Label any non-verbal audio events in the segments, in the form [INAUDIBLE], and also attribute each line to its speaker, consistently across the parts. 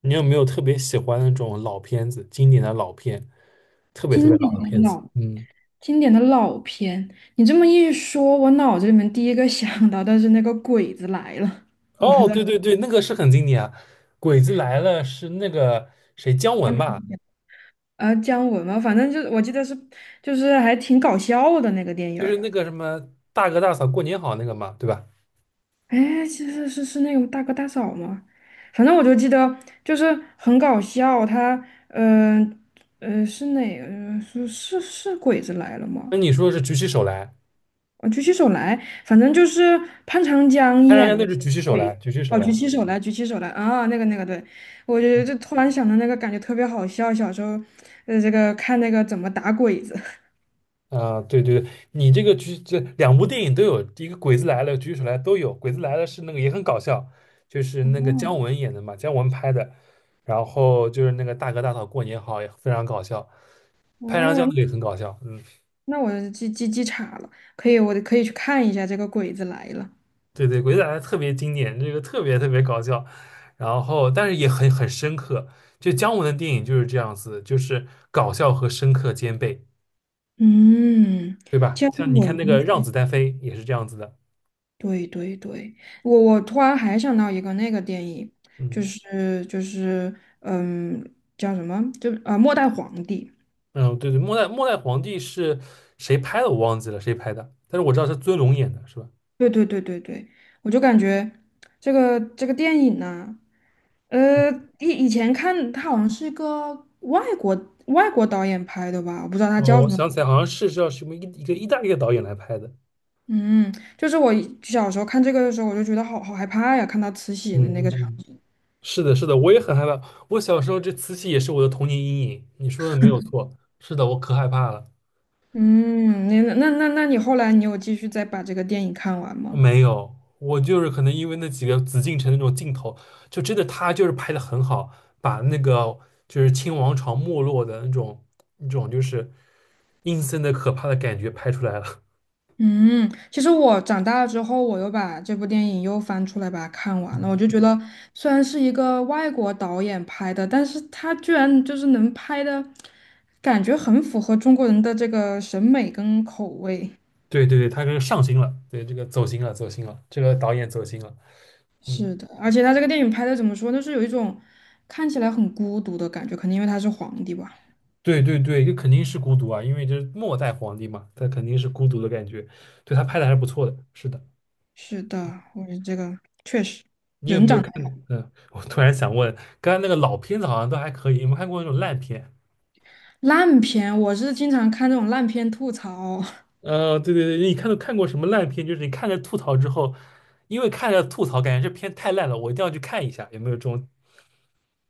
Speaker 1: 你有没有特别喜欢的那种老片子，经典的老片，特别特别
Speaker 2: 经典
Speaker 1: 老的
Speaker 2: 的
Speaker 1: 片子？
Speaker 2: 老
Speaker 1: 嗯，
Speaker 2: 经典的老片，你这么一说，我脑子里面第一个想到的是那个《鬼子来了》，我不知
Speaker 1: 哦，
Speaker 2: 道。
Speaker 1: 对对对，那个是很经典啊，《鬼子来了》是那个谁姜文吧？
Speaker 2: 姜文嘛，反正就是我记得是，就是还挺搞笑的那个电影
Speaker 1: 就是
Speaker 2: 儿。
Speaker 1: 那个什么大哥大嫂过年好那个嘛，对吧？
Speaker 2: 哎，其实是那个大哥大嫂吗？反正我就记得就是很搞笑，他嗯是哪个是鬼子来了吗？
Speaker 1: 那你说是举起手来，
Speaker 2: 我举起手来，反正就是潘长江
Speaker 1: 他让
Speaker 2: 演
Speaker 1: 人家
Speaker 2: 的。
Speaker 1: 那是举起手
Speaker 2: 鬼。
Speaker 1: 来，举起手
Speaker 2: 哦，
Speaker 1: 来。
Speaker 2: 举
Speaker 1: 嗯
Speaker 2: 起手来，举起手来啊，那个，对，我就突然想到那个，感觉特别好笑。小时候，这个看那个怎么打鬼子。
Speaker 1: 啊，对对对，你这个举这两部电影都有，一个《鬼子来了》《举手来》都有，《鬼子来了》是那个也很搞笑，就是那个
Speaker 2: 哦
Speaker 1: 姜文演的嘛，姜文拍的，然后就是那个大哥大嫂过年好也非常搞笑，拍长江
Speaker 2: 哦，
Speaker 1: 那个也很搞笑，嗯，
Speaker 2: 那我记岔了，可以，我可以去看一下这个《鬼子来了》。
Speaker 1: 对对，《鬼子来了》特别经典，这个特别特别搞笑，然后但是也很深刻，就姜文的电影就是这样子，就是搞笑和深刻兼备，
Speaker 2: 嗯，
Speaker 1: 对吧？
Speaker 2: 姜
Speaker 1: 像你
Speaker 2: 文，
Speaker 1: 看那
Speaker 2: 嗯，
Speaker 1: 个《让子弹飞》也是这样子的。
Speaker 2: 对对对，我突然还想到一个那个电影，就
Speaker 1: 嗯。
Speaker 2: 是就是嗯，叫什么？末代皇帝》。
Speaker 1: 嗯，对对，末代皇帝是谁拍的？我忘记了谁拍的，但是我知道是尊龙演的，是吧？
Speaker 2: 对对对对对，我就感觉这个电影呢，呃，以前看它好像是一个外国导演拍的吧，我不知道他
Speaker 1: 哦，
Speaker 2: 叫什
Speaker 1: 我
Speaker 2: 么。
Speaker 1: 想起来，好像是叫什么一个意大利的导演来拍的。
Speaker 2: 嗯，就是我一小时候看这个的时候，我就觉得好害怕呀，看到慈禧
Speaker 1: 嗯
Speaker 2: 的那
Speaker 1: 嗯
Speaker 2: 个场。
Speaker 1: 嗯，是的，是的，我也很害怕。我小时候这慈禧也是我的童年阴影，你说的没有错。是的，我可害怕了。
Speaker 2: 嗯，那你后来你有继续再把这个电影看完吗？
Speaker 1: 没有，我就是可能因为那几个紫禁城那种镜头，就真的他就是拍的很好，把那个就是清王朝没落的那种那种就是阴森的可怕的感觉拍出来了。
Speaker 2: 嗯，其实我长大了之后，我又把这部电影又翻出来把它
Speaker 1: [LAUGHS]
Speaker 2: 看完了。我
Speaker 1: 嗯。
Speaker 2: 就觉得，虽然是一个外国导演拍的，但是他居然就是能拍的感觉很符合中国人的这个审美跟口味。
Speaker 1: 对对对，他这个上心了，对这个走心了，走心了，这个导演走心了，
Speaker 2: 是
Speaker 1: 嗯，
Speaker 2: 的，而且他这个电影拍的怎么说，就是有一种看起来很孤独的感觉，可能因为他是皇帝吧。
Speaker 1: 对对对，这肯定是孤独啊，因为这是末代皇帝嘛，他肯定是孤独的感觉，对他拍的还是不错的，是的，
Speaker 2: 是的，我觉得这个确实
Speaker 1: 你有
Speaker 2: 人
Speaker 1: 没有
Speaker 2: 长
Speaker 1: 看？
Speaker 2: 得。
Speaker 1: 嗯，我突然想问，刚才那个老片子好像都还可以，有没有看过那种烂片？
Speaker 2: 烂片，我是经常看这种烂片吐槽。
Speaker 1: 对对对，你看到看过什么烂片？就是你看着吐槽之后，因为看着吐槽，感觉这片太烂了，我一定要去看一下，有没有这种？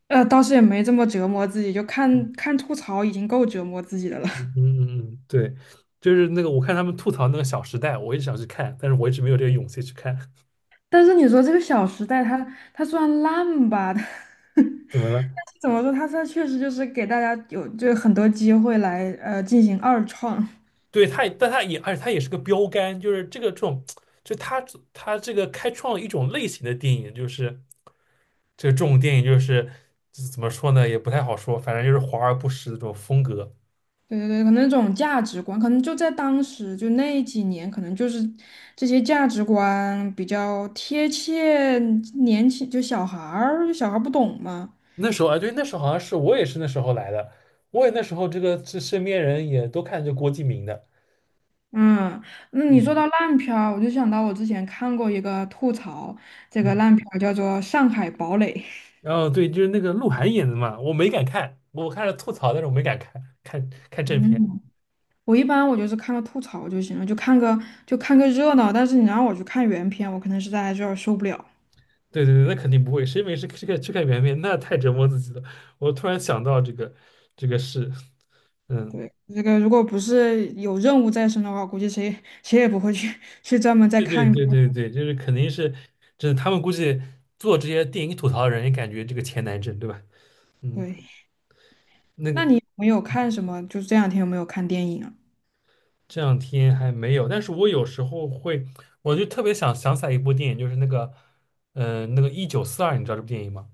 Speaker 2: 倒是也没这么折磨自己，就看看吐槽已经够折磨自己的了。
Speaker 1: 嗯嗯嗯，嗯对，就是那个我看他们吐槽那个《小时代》，我一直想去看，但是我一直没有这个勇气去看。
Speaker 2: [LAUGHS] 但是你说这个《小时代》它虽然烂吧，[LAUGHS] 但
Speaker 1: 怎么了？
Speaker 2: 是怎么说，它确实就是给大家有就很多机会来进行二创。
Speaker 1: 对，他也，但他也，而且他也是个标杆，就是这个这种，就他这个开创了一种类型的电影，就是这个这种电影就是这怎么说呢，也不太好说，反正就是华而不实的这种风格。
Speaker 2: 对对对，可能这种价值观，可能就在当时就那几年，可能就是这些价值观比较贴切年轻，就小孩儿不懂嘛。
Speaker 1: 那时候啊，对，那时候好像是我也是那时候来的，我也那时候这个这身边人也都看这郭敬明的，
Speaker 2: 嗯，那你说
Speaker 1: 嗯
Speaker 2: 到烂片儿，我就想到我之前看过一个吐槽，这个
Speaker 1: 嗯，
Speaker 2: 烂片儿叫做《上海堡垒》。
Speaker 1: 然后对，就是那个鹿晗演的嘛，我没敢看，我看了吐槽，但是我没敢看正片。
Speaker 2: 嗯，我一般我就是看个吐槽就行了，就看个热闹。但是你让我去看原片，我可能实在有点受不了。
Speaker 1: 对对对，那肯定不会，谁没事去看圆面，那太折磨自己了。我突然想到这个事，嗯，
Speaker 2: 对，这个如果不是有任务在身的话，估计谁也不会去 [LAUGHS] 去专门再
Speaker 1: 对对
Speaker 2: 看一
Speaker 1: 对
Speaker 2: 遍。
Speaker 1: 对对，就是肯定是，就是他们估计做这些电影吐槽的人也感觉这个钱难挣，对吧？嗯，
Speaker 2: 对，
Speaker 1: 那
Speaker 2: 那
Speaker 1: 个
Speaker 2: 你有没有看什么？就是这两天有没有看电影啊？
Speaker 1: 这两天还没有，但是我有时候会，我就特别想起来一部电影，就是那个，那个一九四二，你知道这部电影吗？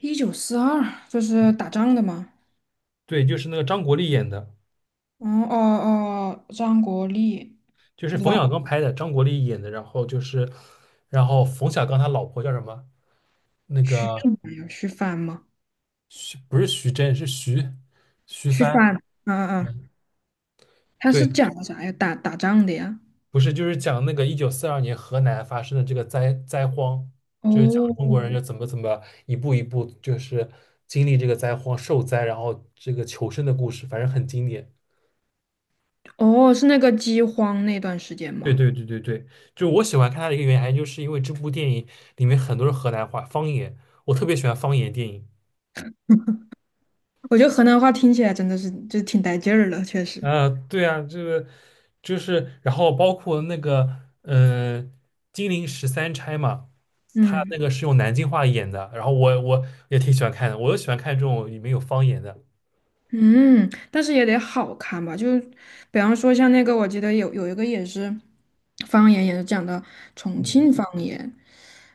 Speaker 2: 一九四二，就是打仗的吗？
Speaker 1: 对，就是那个张国立演的，
Speaker 2: 嗯，哦哦，张国立，
Speaker 1: 就是
Speaker 2: 不知
Speaker 1: 冯小
Speaker 2: 道。
Speaker 1: 刚拍的，张国立演的，然后就是，然后冯小刚他老婆叫什么？那
Speaker 2: 徐
Speaker 1: 个。
Speaker 2: 什么呀？徐帆吗？
Speaker 1: 徐不是徐峥，是徐
Speaker 2: 徐
Speaker 1: 帆。
Speaker 2: 帆，啊啊啊！
Speaker 1: 嗯，
Speaker 2: 他是
Speaker 1: 对，
Speaker 2: 讲的啥呀？打仗的呀？
Speaker 1: 不是，就是讲那个1942年河南发生的这个荒，就是讲中国人
Speaker 2: 哦
Speaker 1: 就怎么一步一步就是经历这个灾荒受灾，然后这个求生的故事，反正很经典。
Speaker 2: 哦，是那个饥荒那段时间
Speaker 1: 对
Speaker 2: 吗？
Speaker 1: 对对对对，就我喜欢看它的一个原因，就是因为这部电影里面很多是河南话方言，我特别喜欢方言电影。
Speaker 2: 我觉得河南话听起来真的是就挺带劲儿的，确实。
Speaker 1: 啊，对啊，这个就是，然后包括那个，金陵十三钗嘛，他
Speaker 2: 嗯
Speaker 1: 那个是用南京话演的，然后我也挺喜欢看的，我就喜欢看这种里面有方言的，
Speaker 2: 嗯，但是也得好看吧？就比方说像那个，我记得有一个也是方言，也是讲的重庆
Speaker 1: 嗯，
Speaker 2: 方言，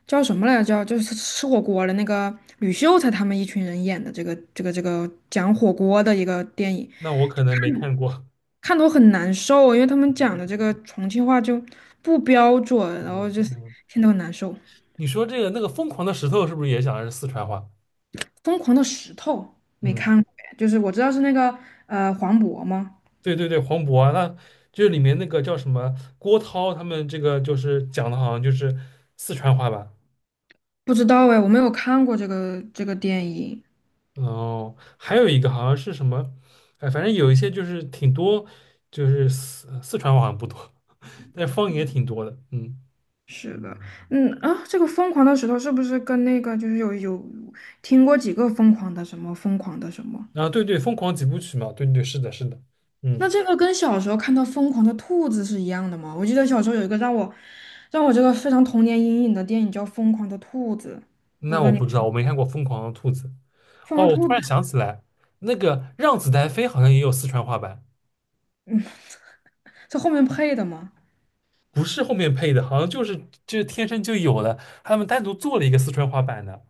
Speaker 2: 叫什么来着？叫就是吃火锅的那个吕秀才他们一群人演的这个讲火锅的一个电影。
Speaker 1: 那我可能没看过，
Speaker 2: 看得我很难受，因为他们讲的这个重庆话就不标准，
Speaker 1: [LAUGHS]
Speaker 2: 然后
Speaker 1: 嗯
Speaker 2: 就是
Speaker 1: 嗯，
Speaker 2: 听得很难受。
Speaker 1: 你说这个那个疯狂的石头是不是也讲的是四川话？
Speaker 2: 疯狂的石头没
Speaker 1: 嗯，
Speaker 2: 看过哎，就是我知道是那个，黄渤吗？
Speaker 1: 对对对，黄渤啊那就是里面那个叫什么郭涛他们这个就是讲的好像就是四川话吧，
Speaker 2: 不知道哎，我没有看过这个电影。
Speaker 1: 哦，还有一个好像是什么，哎，反正有一些就是挺多，就是四川话好像不多，但是方言挺多的，嗯。
Speaker 2: 是的，嗯啊，这个疯狂的石头是不是跟那个就是有听过几个疯狂的什么疯狂的什么？
Speaker 1: 啊，对对，《疯狂几部曲》嘛，对对，是的，是的，
Speaker 2: 那
Speaker 1: 嗯，
Speaker 2: 这个跟小时候看到疯狂的兔子是一样的吗？我记得小时候有一个让我这个非常童年阴影的电影叫《疯狂的兔子》。我不
Speaker 1: 那
Speaker 2: 知道
Speaker 1: 我
Speaker 2: 你。
Speaker 1: 不知道，我没看过《疯狂的兔子》。
Speaker 2: 放
Speaker 1: 哦，
Speaker 2: 上
Speaker 1: 我突
Speaker 2: 兔子
Speaker 1: 然想起来，那个《让子弹飞》好像也有四川话版，
Speaker 2: 在后面配的吗？
Speaker 1: 不是后面配的，好像就是天生就有的，他们单独做了一个四川话版的。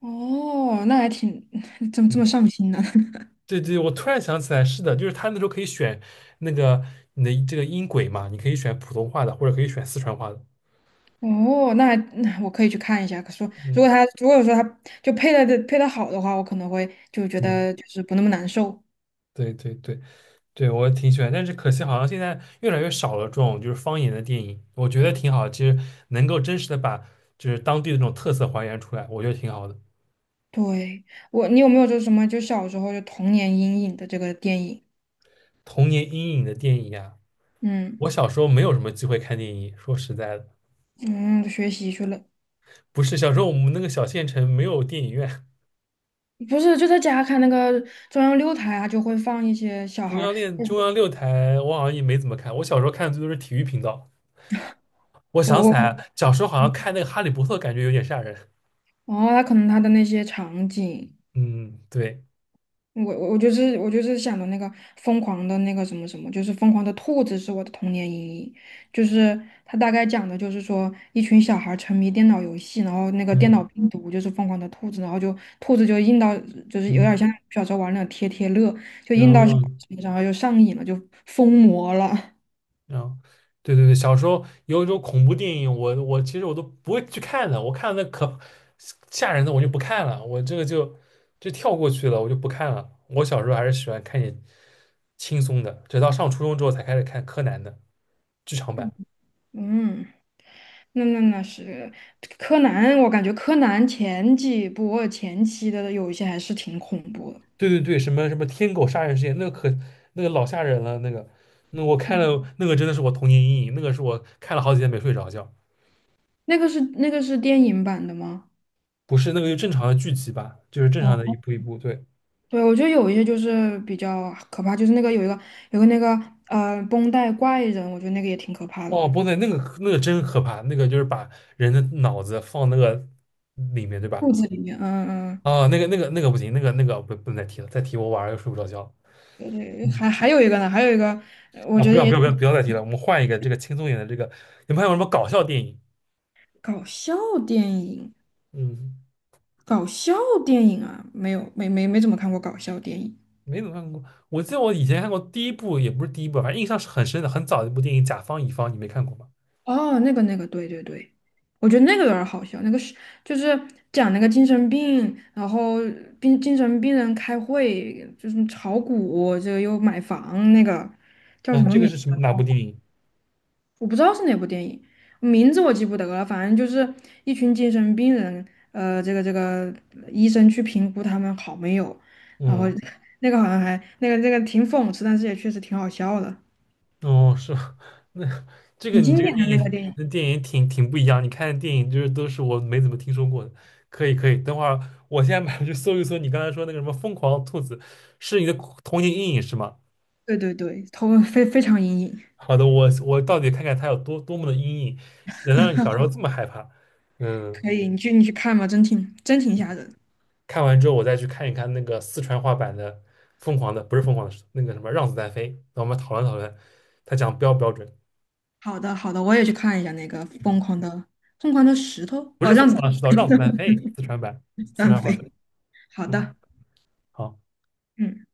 Speaker 2: 哦，那还挺，[LAUGHS] 怎么这么
Speaker 1: 嗯。
Speaker 2: 上心呢？[LAUGHS]
Speaker 1: 对对，我突然想起来，是的，就是他那时候可以选那个你的这个音轨嘛，你可以选普通话的，或者可以选四川话的。
Speaker 2: 哦，那我可以去看一下。可说，
Speaker 1: 嗯
Speaker 2: 如果说他就配的好的话，我可能会就觉
Speaker 1: 嗯，
Speaker 2: 得就是不那么难受。
Speaker 1: 对对对对，我挺喜欢，但是可惜好像现在越来越少了这种就是方言的电影，我觉得挺好，其实能够真实的把就是当地的这种特色还原出来，我觉得挺好的。
Speaker 2: 对，你有没有就什么就小时候就童年阴影的这个电影？
Speaker 1: 童年阴影的电影呀、
Speaker 2: 嗯
Speaker 1: 我小时候没有什么机会看电影，说实在的，
Speaker 2: 嗯，学习去了，
Speaker 1: 不是小时候我们那个小县城没有电影院。
Speaker 2: 不是就在家看那个中央六台啊，就会放一些小孩儿，
Speaker 1: 中央六台，我好像也没怎么看。我小时候看的最多是体育频道。我
Speaker 2: 我
Speaker 1: 想起
Speaker 2: 我
Speaker 1: 来，小时候好像看那个《哈利波特》，感觉有点吓人。
Speaker 2: 哦，他可能他的那些场景。
Speaker 1: 嗯，对，
Speaker 2: 我就是想的那个疯狂的那个什么什么，就是疯狂的兔子是我的童年阴影，就是它大概讲的就是说一群小孩儿沉迷电脑游戏，然后那个电脑
Speaker 1: 嗯
Speaker 2: 病毒就是疯狂的兔子，然后就兔子就印到就是有
Speaker 1: 嗯，
Speaker 2: 点
Speaker 1: 嗯
Speaker 2: 像小时候玩那种贴贴乐，就
Speaker 1: 然
Speaker 2: 印到小
Speaker 1: 后
Speaker 2: 孩身上，然后就上瘾了，就疯魔了。
Speaker 1: 然后，对对对，小时候有一种恐怖电影，我其实我都不会去看的。我看那可吓人的，我就不看了。我这个就跳过去了，我就不看了。我小时候还是喜欢看点轻松的，直到上初中之后才开始看柯南的剧场版。
Speaker 2: 嗯，那是柯南，我感觉柯南前几部前期的有一些还是挺恐怖的。
Speaker 1: 对对对，什么什么天狗杀人事件，那个可那个老吓人了，那个那我看了那个真的是我童年阴影，那个是我看了好几天没睡着觉，
Speaker 2: 那个是电影版的吗？
Speaker 1: 不是那个就正常的剧集吧，就是正常的一
Speaker 2: 哦，
Speaker 1: 步一步，对，
Speaker 2: 对，我觉得有一些就是比较可怕，就是那个有个那个绷带怪人，我觉得那个也挺可怕的，
Speaker 1: 哦，不对，那个那个真可怕，那个就是把人的脑子放那个里面，对吧？
Speaker 2: 肚子里面，嗯嗯，
Speaker 1: 啊，那个不行，那个不能再提了，再提我晚上又睡不着觉了
Speaker 2: 嗯，还
Speaker 1: 嗯，
Speaker 2: 还有一个呢，还有一个，我
Speaker 1: 啊，
Speaker 2: 觉
Speaker 1: 不
Speaker 2: 得
Speaker 1: 要不
Speaker 2: 也
Speaker 1: 要不要
Speaker 2: 挺
Speaker 1: 不要再提了，我们换一个这个轻松一点的这个，你们还有什么搞笑电影？
Speaker 2: 搞笑电影，
Speaker 1: 嗯。
Speaker 2: 搞笑电影，啊，没有没没没怎么看过搞笑电影。
Speaker 1: 没怎么看过。我记得我以前看过第一部，也不是第一部，反正印象是很深的，很早的一部电影《甲方乙方》，你没看过吗？
Speaker 2: 哦，那个，对对对，我觉得那个有点儿好笑，就是讲那个精神病，然后精神病人开会，就是炒股，这个又买房，那个叫什
Speaker 1: 啊，
Speaker 2: 么
Speaker 1: 这个
Speaker 2: 名？
Speaker 1: 是什么哪部电影？
Speaker 2: 我不知道是哪部电影，名字我记不得了，反正就是一群精神病人，这个医生去评估他们好没有，然后
Speaker 1: 嗯，
Speaker 2: [LAUGHS] 那个好像还那个挺讽刺，但是也确实挺好笑的，
Speaker 1: 哦，是吗？ [LAUGHS] 那这个
Speaker 2: 挺
Speaker 1: 你
Speaker 2: 经
Speaker 1: 这个
Speaker 2: 典的
Speaker 1: 电
Speaker 2: 那个
Speaker 1: 影，
Speaker 2: 电影。
Speaker 1: 那电影挺不一样。你看的电影就是都是我没怎么听说过的。可以可以，等会儿我现在马上去搜一搜你刚才说那个什么《疯狂兔子》，是你的童年阴影是吗？
Speaker 2: 对对对，头非常阴影，
Speaker 1: 好的，我到底看看它有多么的阴影，能让你小时候这么害怕？嗯。
Speaker 2: 可以，你去看吧，真挺吓人。
Speaker 1: 看完之后，我再去看一看那个四川话版的《疯狂的》，不是《疯狂的石头》，那个什么《让子弹飞》，那我们讨论讨论，他讲标不标准？
Speaker 2: 好的好的，我也去看一下那个疯
Speaker 1: 嗯，
Speaker 2: 狂的疯狂的石头，
Speaker 1: 不
Speaker 2: 哦，
Speaker 1: 是《疯
Speaker 2: 让子
Speaker 1: 狂的石头》，《让子弹飞》四川版，四
Speaker 2: 弹
Speaker 1: 川话
Speaker 2: 飞。
Speaker 1: 版。
Speaker 2: 好
Speaker 1: 嗯，
Speaker 2: 的，
Speaker 1: 好。
Speaker 2: 嗯。